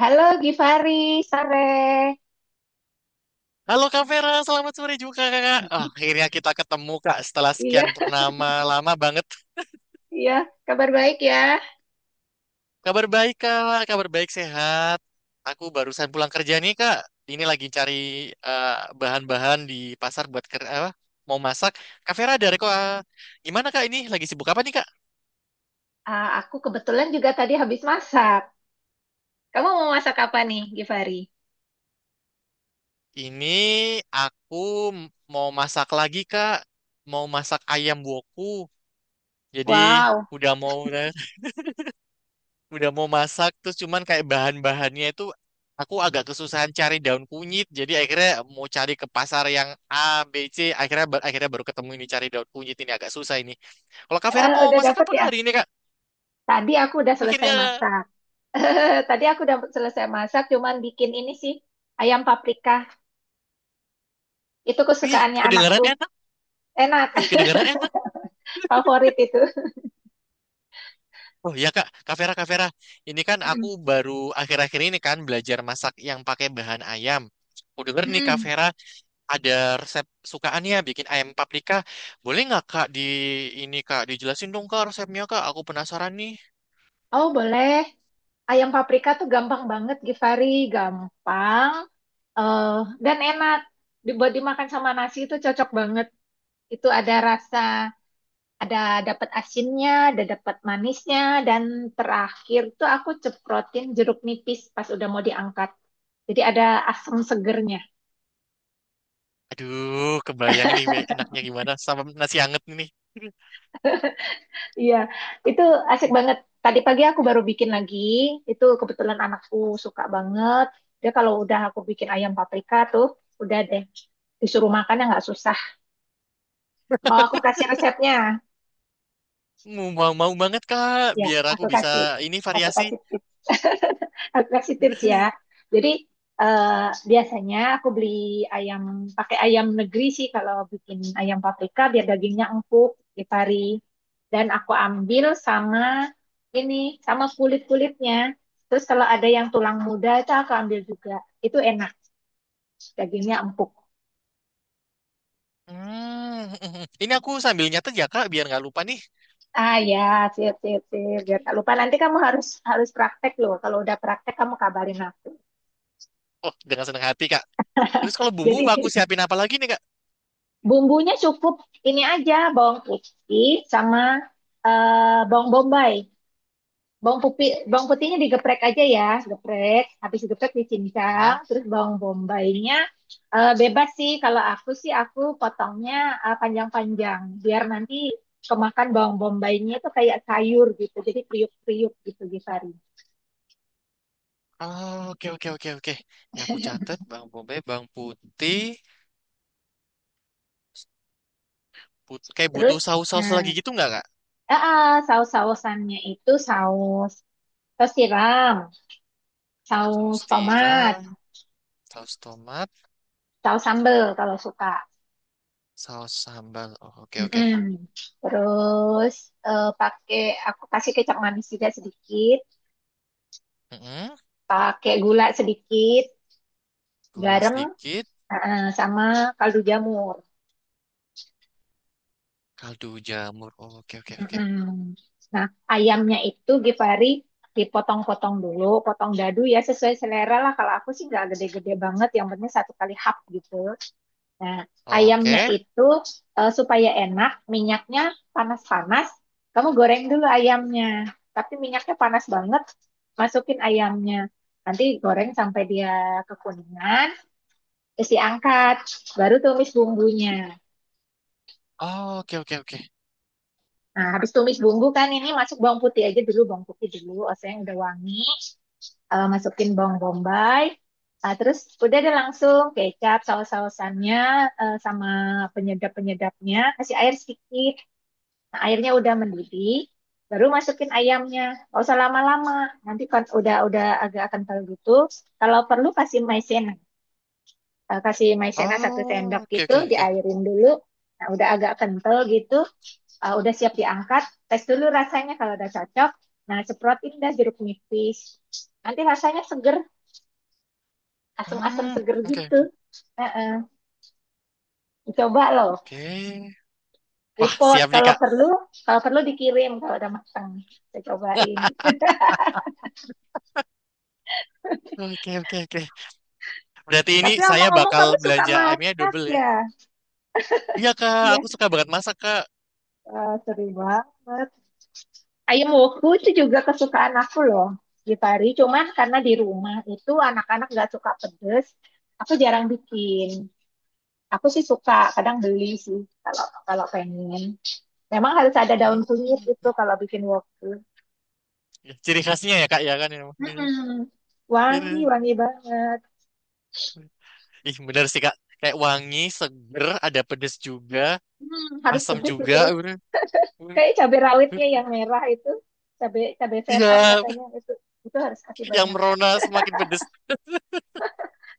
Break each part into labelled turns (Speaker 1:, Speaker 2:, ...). Speaker 1: Halo Givari, sore.
Speaker 2: Halo Kak Vera, selamat sore juga Kakak. Ah, akhirnya kita ketemu Kak setelah
Speaker 1: Iya,
Speaker 2: sekian purnama lama banget.
Speaker 1: iya, kabar baik ya.
Speaker 2: Kabar baik Kak, kabar baik sehat. Aku barusan pulang kerja nih Kak. Ini lagi cari eh, bahan-bahan di pasar buat ker apa, mau masak. Kak Vera ada reko ah, gimana Kak ini? Lagi sibuk apa nih Kak?
Speaker 1: Ah, aku kebetulan juga tadi habis masak. Kamu mau masak apa nih, Givari?
Speaker 2: Ini aku m- mau masak lagi Kak. Mau masak ayam woku. Jadi
Speaker 1: Wow.
Speaker 2: udah mau udah mau masak terus cuman kayak bahan-bahannya itu aku agak kesusahan cari daun kunyit jadi akhirnya mau cari ke pasar yang ABC akhirnya baru ketemu ini cari daun kunyit ini agak susah ini kalau Kak Vera
Speaker 1: Eh,
Speaker 2: mau
Speaker 1: udah
Speaker 2: masak
Speaker 1: dapet
Speaker 2: apa Kak
Speaker 1: ya?
Speaker 2: hari ini Kak
Speaker 1: Tadi aku udah selesai
Speaker 2: akhirnya
Speaker 1: masak. Tadi aku udah selesai masak, cuman bikin ini sih, ayam paprika. Itu
Speaker 2: ih
Speaker 1: kesukaannya anakku.
Speaker 2: kedengaran enak
Speaker 1: Enak,
Speaker 2: ih kedengaran enak
Speaker 1: favorit itu.
Speaker 2: oh ya Kak Kak Vera ini kan aku
Speaker 1: Mm-mm.
Speaker 2: baru akhir-akhir ini kan belajar masak yang pakai bahan ayam aku denger nih Kak Vera ada resep sukaannya bikin ayam paprika. Boleh nggak Kak di ini Kak dijelasin dong Kak resepnya Kak. Aku penasaran nih.
Speaker 1: Oh, boleh. Ayam paprika tuh gampang banget, Givari. Gampang. Eh, dan enak dibuat dimakan sama nasi, itu cocok banget. Itu ada rasa, ada dapat asinnya, ada dapat manisnya, dan terakhir tuh aku ceprotin jeruk nipis pas udah mau diangkat, jadi ada asam segernya.
Speaker 2: Aduh, kebayang ini enaknya gimana sama nasi anget ini.
Speaker 1: Iya, itu asik banget. Tadi pagi aku baru bikin lagi. Itu kebetulan anakku suka banget. Dia kalau udah aku bikin ayam paprika tuh udah deh, disuruh makan ya nggak susah. Mau aku kasih resepnya?
Speaker 2: Mau mau mau banget Kak,
Speaker 1: Ya,
Speaker 2: biar aku
Speaker 1: aku
Speaker 2: bisa
Speaker 1: kasih
Speaker 2: ini
Speaker 1: aku
Speaker 2: variasi.
Speaker 1: kasih tips. Aku kasih tips ya. Jadi, biasanya aku beli ayam, pakai ayam negeri sih kalau bikin ayam paprika biar dagingnya empuk. di Dan aku ambil sama ini, sama kulit-kulitnya. Terus kalau ada yang tulang muda itu aku ambil juga. Itu enak, dagingnya empuk.
Speaker 2: Hmm, ini aku sambil nyatet ya Kak, biar nggak lupa nih.
Speaker 1: Ah ya, sip sip sip. Biar tak lupa, nanti kamu harus harus praktek loh. Kalau udah praktek, kamu kabarin aku.
Speaker 2: Oh, dengan senang hati Kak. Terus kalau
Speaker 1: Jadi,
Speaker 2: bumbu aku siapin apa lagi nih Kak?
Speaker 1: bumbunya cukup ini aja: bawang putih sama bawang bombay. Bawang putih, bawang putihnya digeprek aja ya, geprek. Habis digeprek dicincang,
Speaker 2: Hah?
Speaker 1: terus bawang bombaynya bebas sih. Kalau aku sih aku potongnya panjang-panjang biar nanti kemakan bawang bombaynya itu kayak sayur gitu. Jadi kriuk-kriuk gitu, Givari.
Speaker 2: Oh, oke oke oke oke. Ini aku catat Bang Bobe, Bang Putih. Kayak
Speaker 1: Terus
Speaker 2: butuh saus-saus lagi
Speaker 1: nah,
Speaker 2: gitu nggak kak?
Speaker 1: saus-sausannya itu saus saus tiram, saus
Speaker 2: Saus
Speaker 1: tomat,
Speaker 2: tiram, saus tomat,
Speaker 1: saus sambel kalau suka.
Speaker 2: saus sambal. Oh, oke oke.
Speaker 1: Mm-mm. Terus eh, pakai aku kasih kecap manis juga sedikit,
Speaker 2: Mm-mm.
Speaker 1: pakai gula sedikit,
Speaker 2: Gula
Speaker 1: garam
Speaker 2: sedikit,
Speaker 1: sama kaldu jamur.
Speaker 2: kaldu jamur. Oh, oke oke oke.
Speaker 1: Mm-mm. Nah, ayamnya itu, Gifari, dipotong-potong dulu, potong dadu ya, sesuai selera lah. Kalau aku sih nggak gede-gede banget, yang penting satu kali hap gitu. Nah, ayamnya
Speaker 2: Oke.
Speaker 1: itu supaya enak, minyaknya panas-panas. Kamu goreng dulu ayamnya, tapi minyaknya panas banget. Masukin ayamnya, nanti goreng sampai dia kekuningan. Terus diangkat, baru tumis bumbunya.
Speaker 2: Oh, oke oke oke.
Speaker 1: Nah, habis tumis bumbu kan, ini masuk bawang putih aja dulu, bawang putih dulu. Oseng udah wangi, masukin bawang bombay. Ah, terus udah ada, langsung kecap, saus-sausannya sama penyedap-penyedapnya. Kasih air sedikit. Nah, airnya udah mendidih, baru masukin ayamnya. Gak usah lama-lama. Nanti kan udah agak kental gitu. Kalau perlu kasih maizena, kasih maizena satu sendok
Speaker 2: Oh, oke
Speaker 1: gitu,
Speaker 2: oke oke.
Speaker 1: diairin dulu. Nah, udah agak kental gitu, udah siap diangkat. Tes dulu rasanya, kalau udah cocok. Nah, semprotin dah jeruk nipis. Nanti rasanya seger, asam-asam
Speaker 2: Hmm,
Speaker 1: seger
Speaker 2: oke
Speaker 1: gitu.
Speaker 2: oke.
Speaker 1: Heeh. Coba loh,
Speaker 2: Oke. Wah,
Speaker 1: report
Speaker 2: siap nih kak.
Speaker 1: kalau perlu dikirim kalau udah matang. Saya cobain.
Speaker 2: Oke oke oke. Berarti ini
Speaker 1: Tapi
Speaker 2: saya
Speaker 1: ngomong-ngomong,
Speaker 2: bakal
Speaker 1: kamu suka
Speaker 2: belanja ayamnya
Speaker 1: masak
Speaker 2: double ya.
Speaker 1: ya?
Speaker 2: Iya kak, aku
Speaker 1: Iya,
Speaker 2: suka banget masak kak.
Speaker 1: sering banget. Ayam woku itu juga kesukaan aku loh, Gifari. Cuman karena di rumah itu anak-anak nggak suka pedes, aku jarang bikin. Aku sih suka, kadang beli sih kalau kalau pengen. Memang harus ada daun kunyit
Speaker 2: Hmm.
Speaker 1: itu kalau bikin woku.
Speaker 2: Ya, ciri khasnya ya kak ya kan. Ya
Speaker 1: Mm-mm. Wangi,
Speaker 2: ini.
Speaker 1: wangi banget.
Speaker 2: Ih, bener sih, Kak. Kayak wangi, seger, ada pedes juga,
Speaker 1: Harus
Speaker 2: asam
Speaker 1: pedes itu.
Speaker 2: juga. Udah.
Speaker 1: Kayak cabai rawitnya yang merah itu, cabai cabai setan
Speaker 2: Iya,
Speaker 1: katanya itu harus kasih
Speaker 2: yang
Speaker 1: banyak kan.
Speaker 2: merona semakin pedes.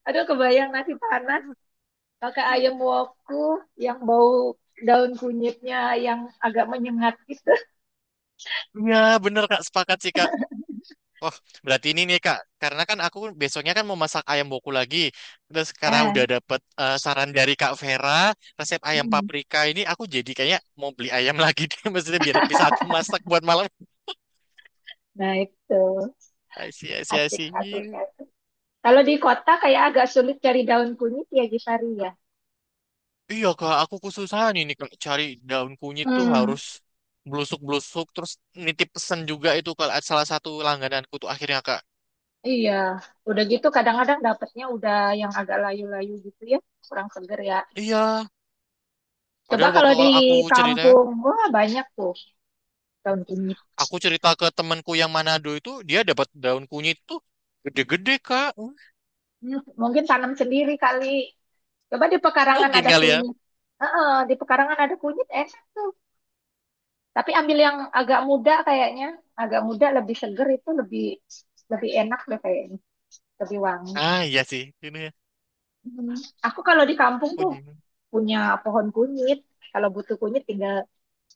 Speaker 1: Aduh, kebayang nasi panas pakai ayam woku yang bau daun kunyitnya yang agak menyengat gitu.
Speaker 2: Iya, bener, Kak. Sepakat sih, Kak. Wah, berarti ini nih, Kak. Karena kan aku besoknya kan mau masak ayam boku lagi. Terus karena
Speaker 1: Ah.
Speaker 2: udah dapet saran dari Kak Vera, resep ayam
Speaker 1: Hmm.
Speaker 2: paprika ini, aku jadi kayaknya mau beli ayam lagi deh. Maksudnya biar bisa aku masak buat malam.
Speaker 1: Nah, itu
Speaker 2: Asyik, asyik,
Speaker 1: asik,
Speaker 2: asyik.
Speaker 1: asik, asik. Kalau di kota kayak agak sulit cari daun kunyit ya, Gisari ya.
Speaker 2: Iya kak, aku kesusahan ini kak cari daun kunyit tuh
Speaker 1: Hmm.
Speaker 2: harus blusuk-blusuk terus nitip pesan juga itu kalau salah satu langgananku tuh akhirnya kak.
Speaker 1: Iya, udah gitu kadang-kadang dapetnya udah yang agak layu-layu gitu ya, kurang seger ya.
Speaker 2: Iya,
Speaker 1: Coba
Speaker 2: padahal
Speaker 1: kalau
Speaker 2: waktu
Speaker 1: di
Speaker 2: kalau
Speaker 1: kampung, wah, banyak tuh daun kunyit.
Speaker 2: aku cerita ke temanku yang Manado itu dia dapat daun kunyit tuh gede-gede kak.
Speaker 1: Hmm. Mungkin tanam sendiri kali. Coba di pekarangan
Speaker 2: Mungkin
Speaker 1: ada
Speaker 2: kali ya.
Speaker 1: kunyit. Heeh, di pekarangan ada kunyit enak tuh. Tapi ambil yang agak muda kayaknya. Agak muda lebih seger, itu lebih lebih enak deh kayaknya. Lebih wangi.
Speaker 2: Ah iya sih, ini ya.
Speaker 1: Hmm. Aku kalau di kampung tuh
Speaker 2: Kunyit.
Speaker 1: punya pohon kunyit. Kalau butuh kunyit, tinggal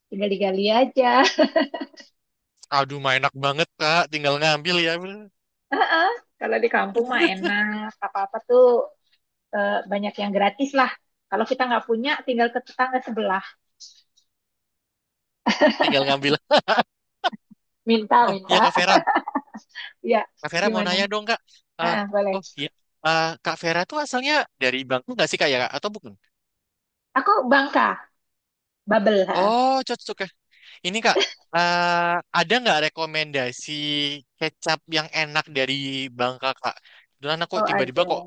Speaker 1: tinggal digali aja.
Speaker 2: Aduh, mah enak banget kak, tinggal ngambil ya,
Speaker 1: Heeh. Kalau di kampung mah enak. Apa-apa tuh banyak yang gratis lah. Kalau kita nggak punya, tinggal ke tetangga sebelah.
Speaker 2: tinggal ngambil.
Speaker 1: Minta,
Speaker 2: Oh iya
Speaker 1: minta.
Speaker 2: kak Vera,
Speaker 1: Ya,
Speaker 2: Kak Vera mau
Speaker 1: gimana?
Speaker 2: nanya dong Kak. Eh,
Speaker 1: Heeh, boleh.
Speaker 2: oh iya, Kak Vera tuh asalnya dari Bangku nggak sih Kak ya Kak? Atau bukan?
Speaker 1: Aku Bangka. Bubble, heeh.
Speaker 2: Oh cocok ya. Ini Kak, ada nggak rekomendasi kecap yang enak dari Bangka Kak? Kebetulan aku
Speaker 1: Oh,
Speaker 2: tiba-tiba
Speaker 1: ada.
Speaker 2: kok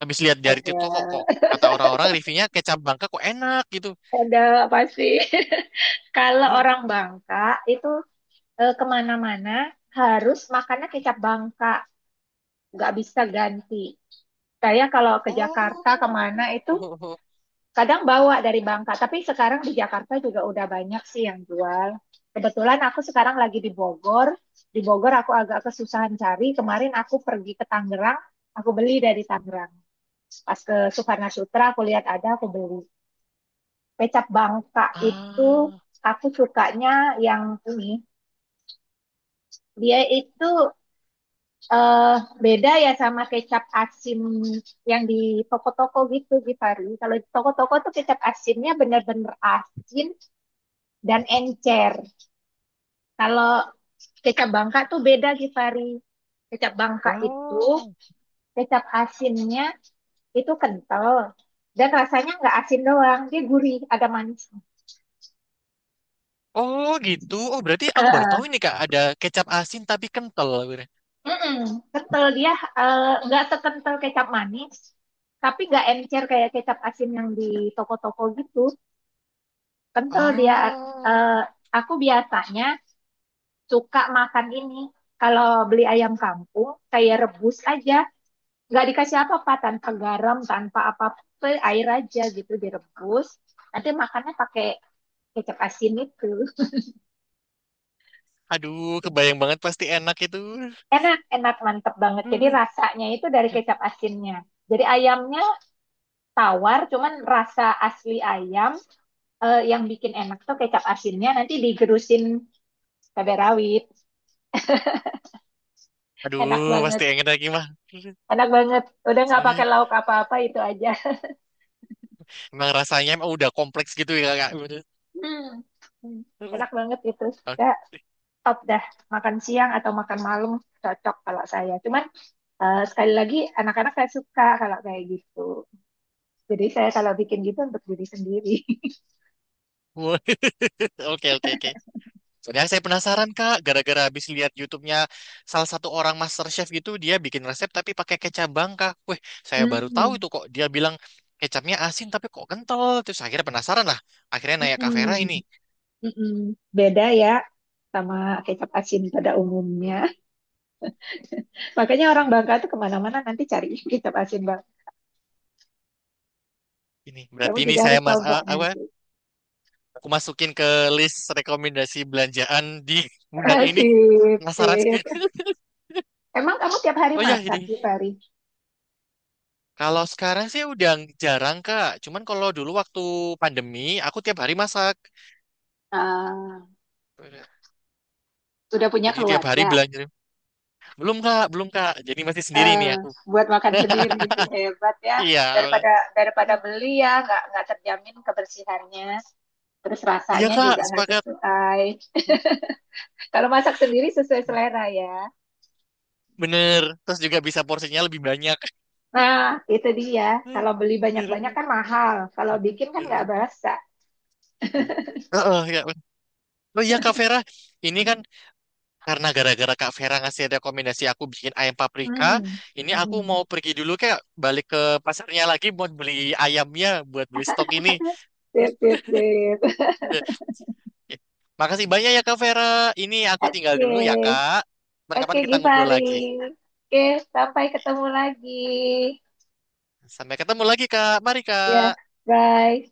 Speaker 2: habis lihat dari
Speaker 1: Ada.
Speaker 2: TikTok kok, kok kata orang-orang reviewnya kecap Bangka kok enak gitu.
Speaker 1: Ada apa sih? Kalau orang Bangka itu kemana-mana harus makannya kecap Bangka, nggak bisa ganti. Saya kalau ke Jakarta kemana itu
Speaker 2: Oh,
Speaker 1: kadang bawa dari Bangka, tapi sekarang di Jakarta juga udah banyak sih yang jual. Kebetulan aku sekarang lagi di Bogor. Di Bogor aku agak kesusahan cari. Kemarin aku pergi ke Tangerang, aku beli dari Tangerang. Pas ke Sukarna Sutra aku lihat ada, aku beli. Kecap Bangka itu
Speaker 2: ah,
Speaker 1: aku sukanya yang ini. Dia itu eh beda ya sama kecap asin yang di toko-toko gitu, Givari. Kalau di toko-toko tuh kecap asinnya bener-bener asin dan encer. Kalau kecap Bangka tuh beda, Givari. Kecap Bangka itu,
Speaker 2: oh,
Speaker 1: kecap asinnya itu kental, dan rasanya nggak asin doang, dia gurih, ada manisnya.
Speaker 2: oh gitu. Oh berarti aku baru tahu
Speaker 1: Heeh.
Speaker 2: ini Kak ada kecap asin tapi kental.
Speaker 1: Mm-mm, kental dia, nggak sekental kecap manis, tapi nggak encer kayak kecap asin yang di toko-toko gitu. Kental dia.
Speaker 2: Ah.
Speaker 1: eh, aku biasanya suka makan ini. Kalau beli ayam kampung, kayak rebus aja, nggak dikasih apa-apa, tanpa garam, tanpa apa-apa, air aja gitu direbus. Nanti makannya pakai kecap asin itu.
Speaker 2: Aduh, kebayang banget pasti enak itu.
Speaker 1: Enak, enak, mantep banget. Jadi rasanya itu dari kecap asinnya. Jadi ayamnya tawar, cuman rasa asli ayam, yang bikin enak tuh kecap asinnya, nanti digerusin cabai rawit. Enak
Speaker 2: Aduh, pasti
Speaker 1: banget.
Speaker 2: enak lagi mah.
Speaker 1: Enak banget. Udah nggak pakai lauk apa-apa, itu aja.
Speaker 2: Emang rasanya emang udah kompleks gitu ya kak.
Speaker 1: Hmm. Hmm. Enak banget itu.
Speaker 2: Oke
Speaker 1: Udah top dah. Makan siang atau makan malam cocok kalau saya. Cuman sekali lagi anak-anak saya suka kalau kayak gitu. Jadi saya kalau bikin gitu untuk diri sendiri.
Speaker 2: oke oke. Oke. Soalnya saya penasaran kak, gara-gara habis lihat YouTube-nya salah satu orang master chef gitu, dia bikin resep tapi pakai kecap bangka. Wih, saya baru tahu
Speaker 1: Hmm,
Speaker 2: itu kok. Dia bilang kecapnya asin tapi kok kental. Terus akhirnya penasaran lah. Akhirnya nanya Kak Vera
Speaker 1: mm-mm,
Speaker 2: ini.
Speaker 1: mm-mm. Beda ya sama kecap asin pada umumnya. Makanya orang Bangka tuh kemana-mana nanti cari kita asin bang.
Speaker 2: Ini
Speaker 1: Kamu
Speaker 2: berarti ini
Speaker 1: juga
Speaker 2: saya
Speaker 1: harus coba
Speaker 2: apa
Speaker 1: nanti.
Speaker 2: Aku masukin ke list rekomendasi belanjaan di bulan ini.
Speaker 1: Sip,
Speaker 2: Penasaran
Speaker 1: sip.
Speaker 2: sekali.
Speaker 1: Emang kamu tiap hari
Speaker 2: Oh ya,
Speaker 1: masak
Speaker 2: ini.
Speaker 1: di Pari?
Speaker 2: Kalau sekarang sih udah jarang, Kak. Cuman kalau dulu waktu pandemi, aku tiap hari masak.
Speaker 1: Ah, udah punya
Speaker 2: Jadi tiap
Speaker 1: keluarga.
Speaker 2: hari belanja. Belum, Kak. Belum, Kak. Jadi masih sendiri
Speaker 1: Eh,
Speaker 2: nih aku.
Speaker 1: buat makan sendiri hebat ya.
Speaker 2: Iya. Bener.
Speaker 1: Daripada daripada beli ya, nggak terjamin kebersihannya. Terus
Speaker 2: Iya,
Speaker 1: rasanya
Speaker 2: Kak.
Speaker 1: juga nggak
Speaker 2: Sepakat.
Speaker 1: sesuai. Kalau masak sendiri sesuai selera ya.
Speaker 2: Bener. Terus juga bisa porsinya lebih banyak.
Speaker 1: Nah, itu dia. Kalau beli banyak-banyak kan mahal. Kalau bikin kan nggak berasa.
Speaker 2: Heeh, ya. Oh iya Kak Vera, ini kan karena gara-gara Kak Vera ngasih rekomendasi aku bikin ayam paprika,
Speaker 1: Hmm.
Speaker 2: ini aku
Speaker 1: Hmm.
Speaker 2: mau pergi dulu kayak balik ke pasarnya lagi buat beli ayamnya, buat beli stok ini.
Speaker 1: Sip, sip, sip.
Speaker 2: Makasih banyak ya Kak Vera. Ini aku tinggal
Speaker 1: Oke,
Speaker 2: dulu ya Kak.
Speaker 1: oke
Speaker 2: Kapan-kapan kita ngobrol
Speaker 1: Givari.
Speaker 2: lagi.
Speaker 1: Oke, sampai ketemu lagi.
Speaker 2: Sampai ketemu lagi Kak. Mari
Speaker 1: Ya,
Speaker 2: Kak.
Speaker 1: bye.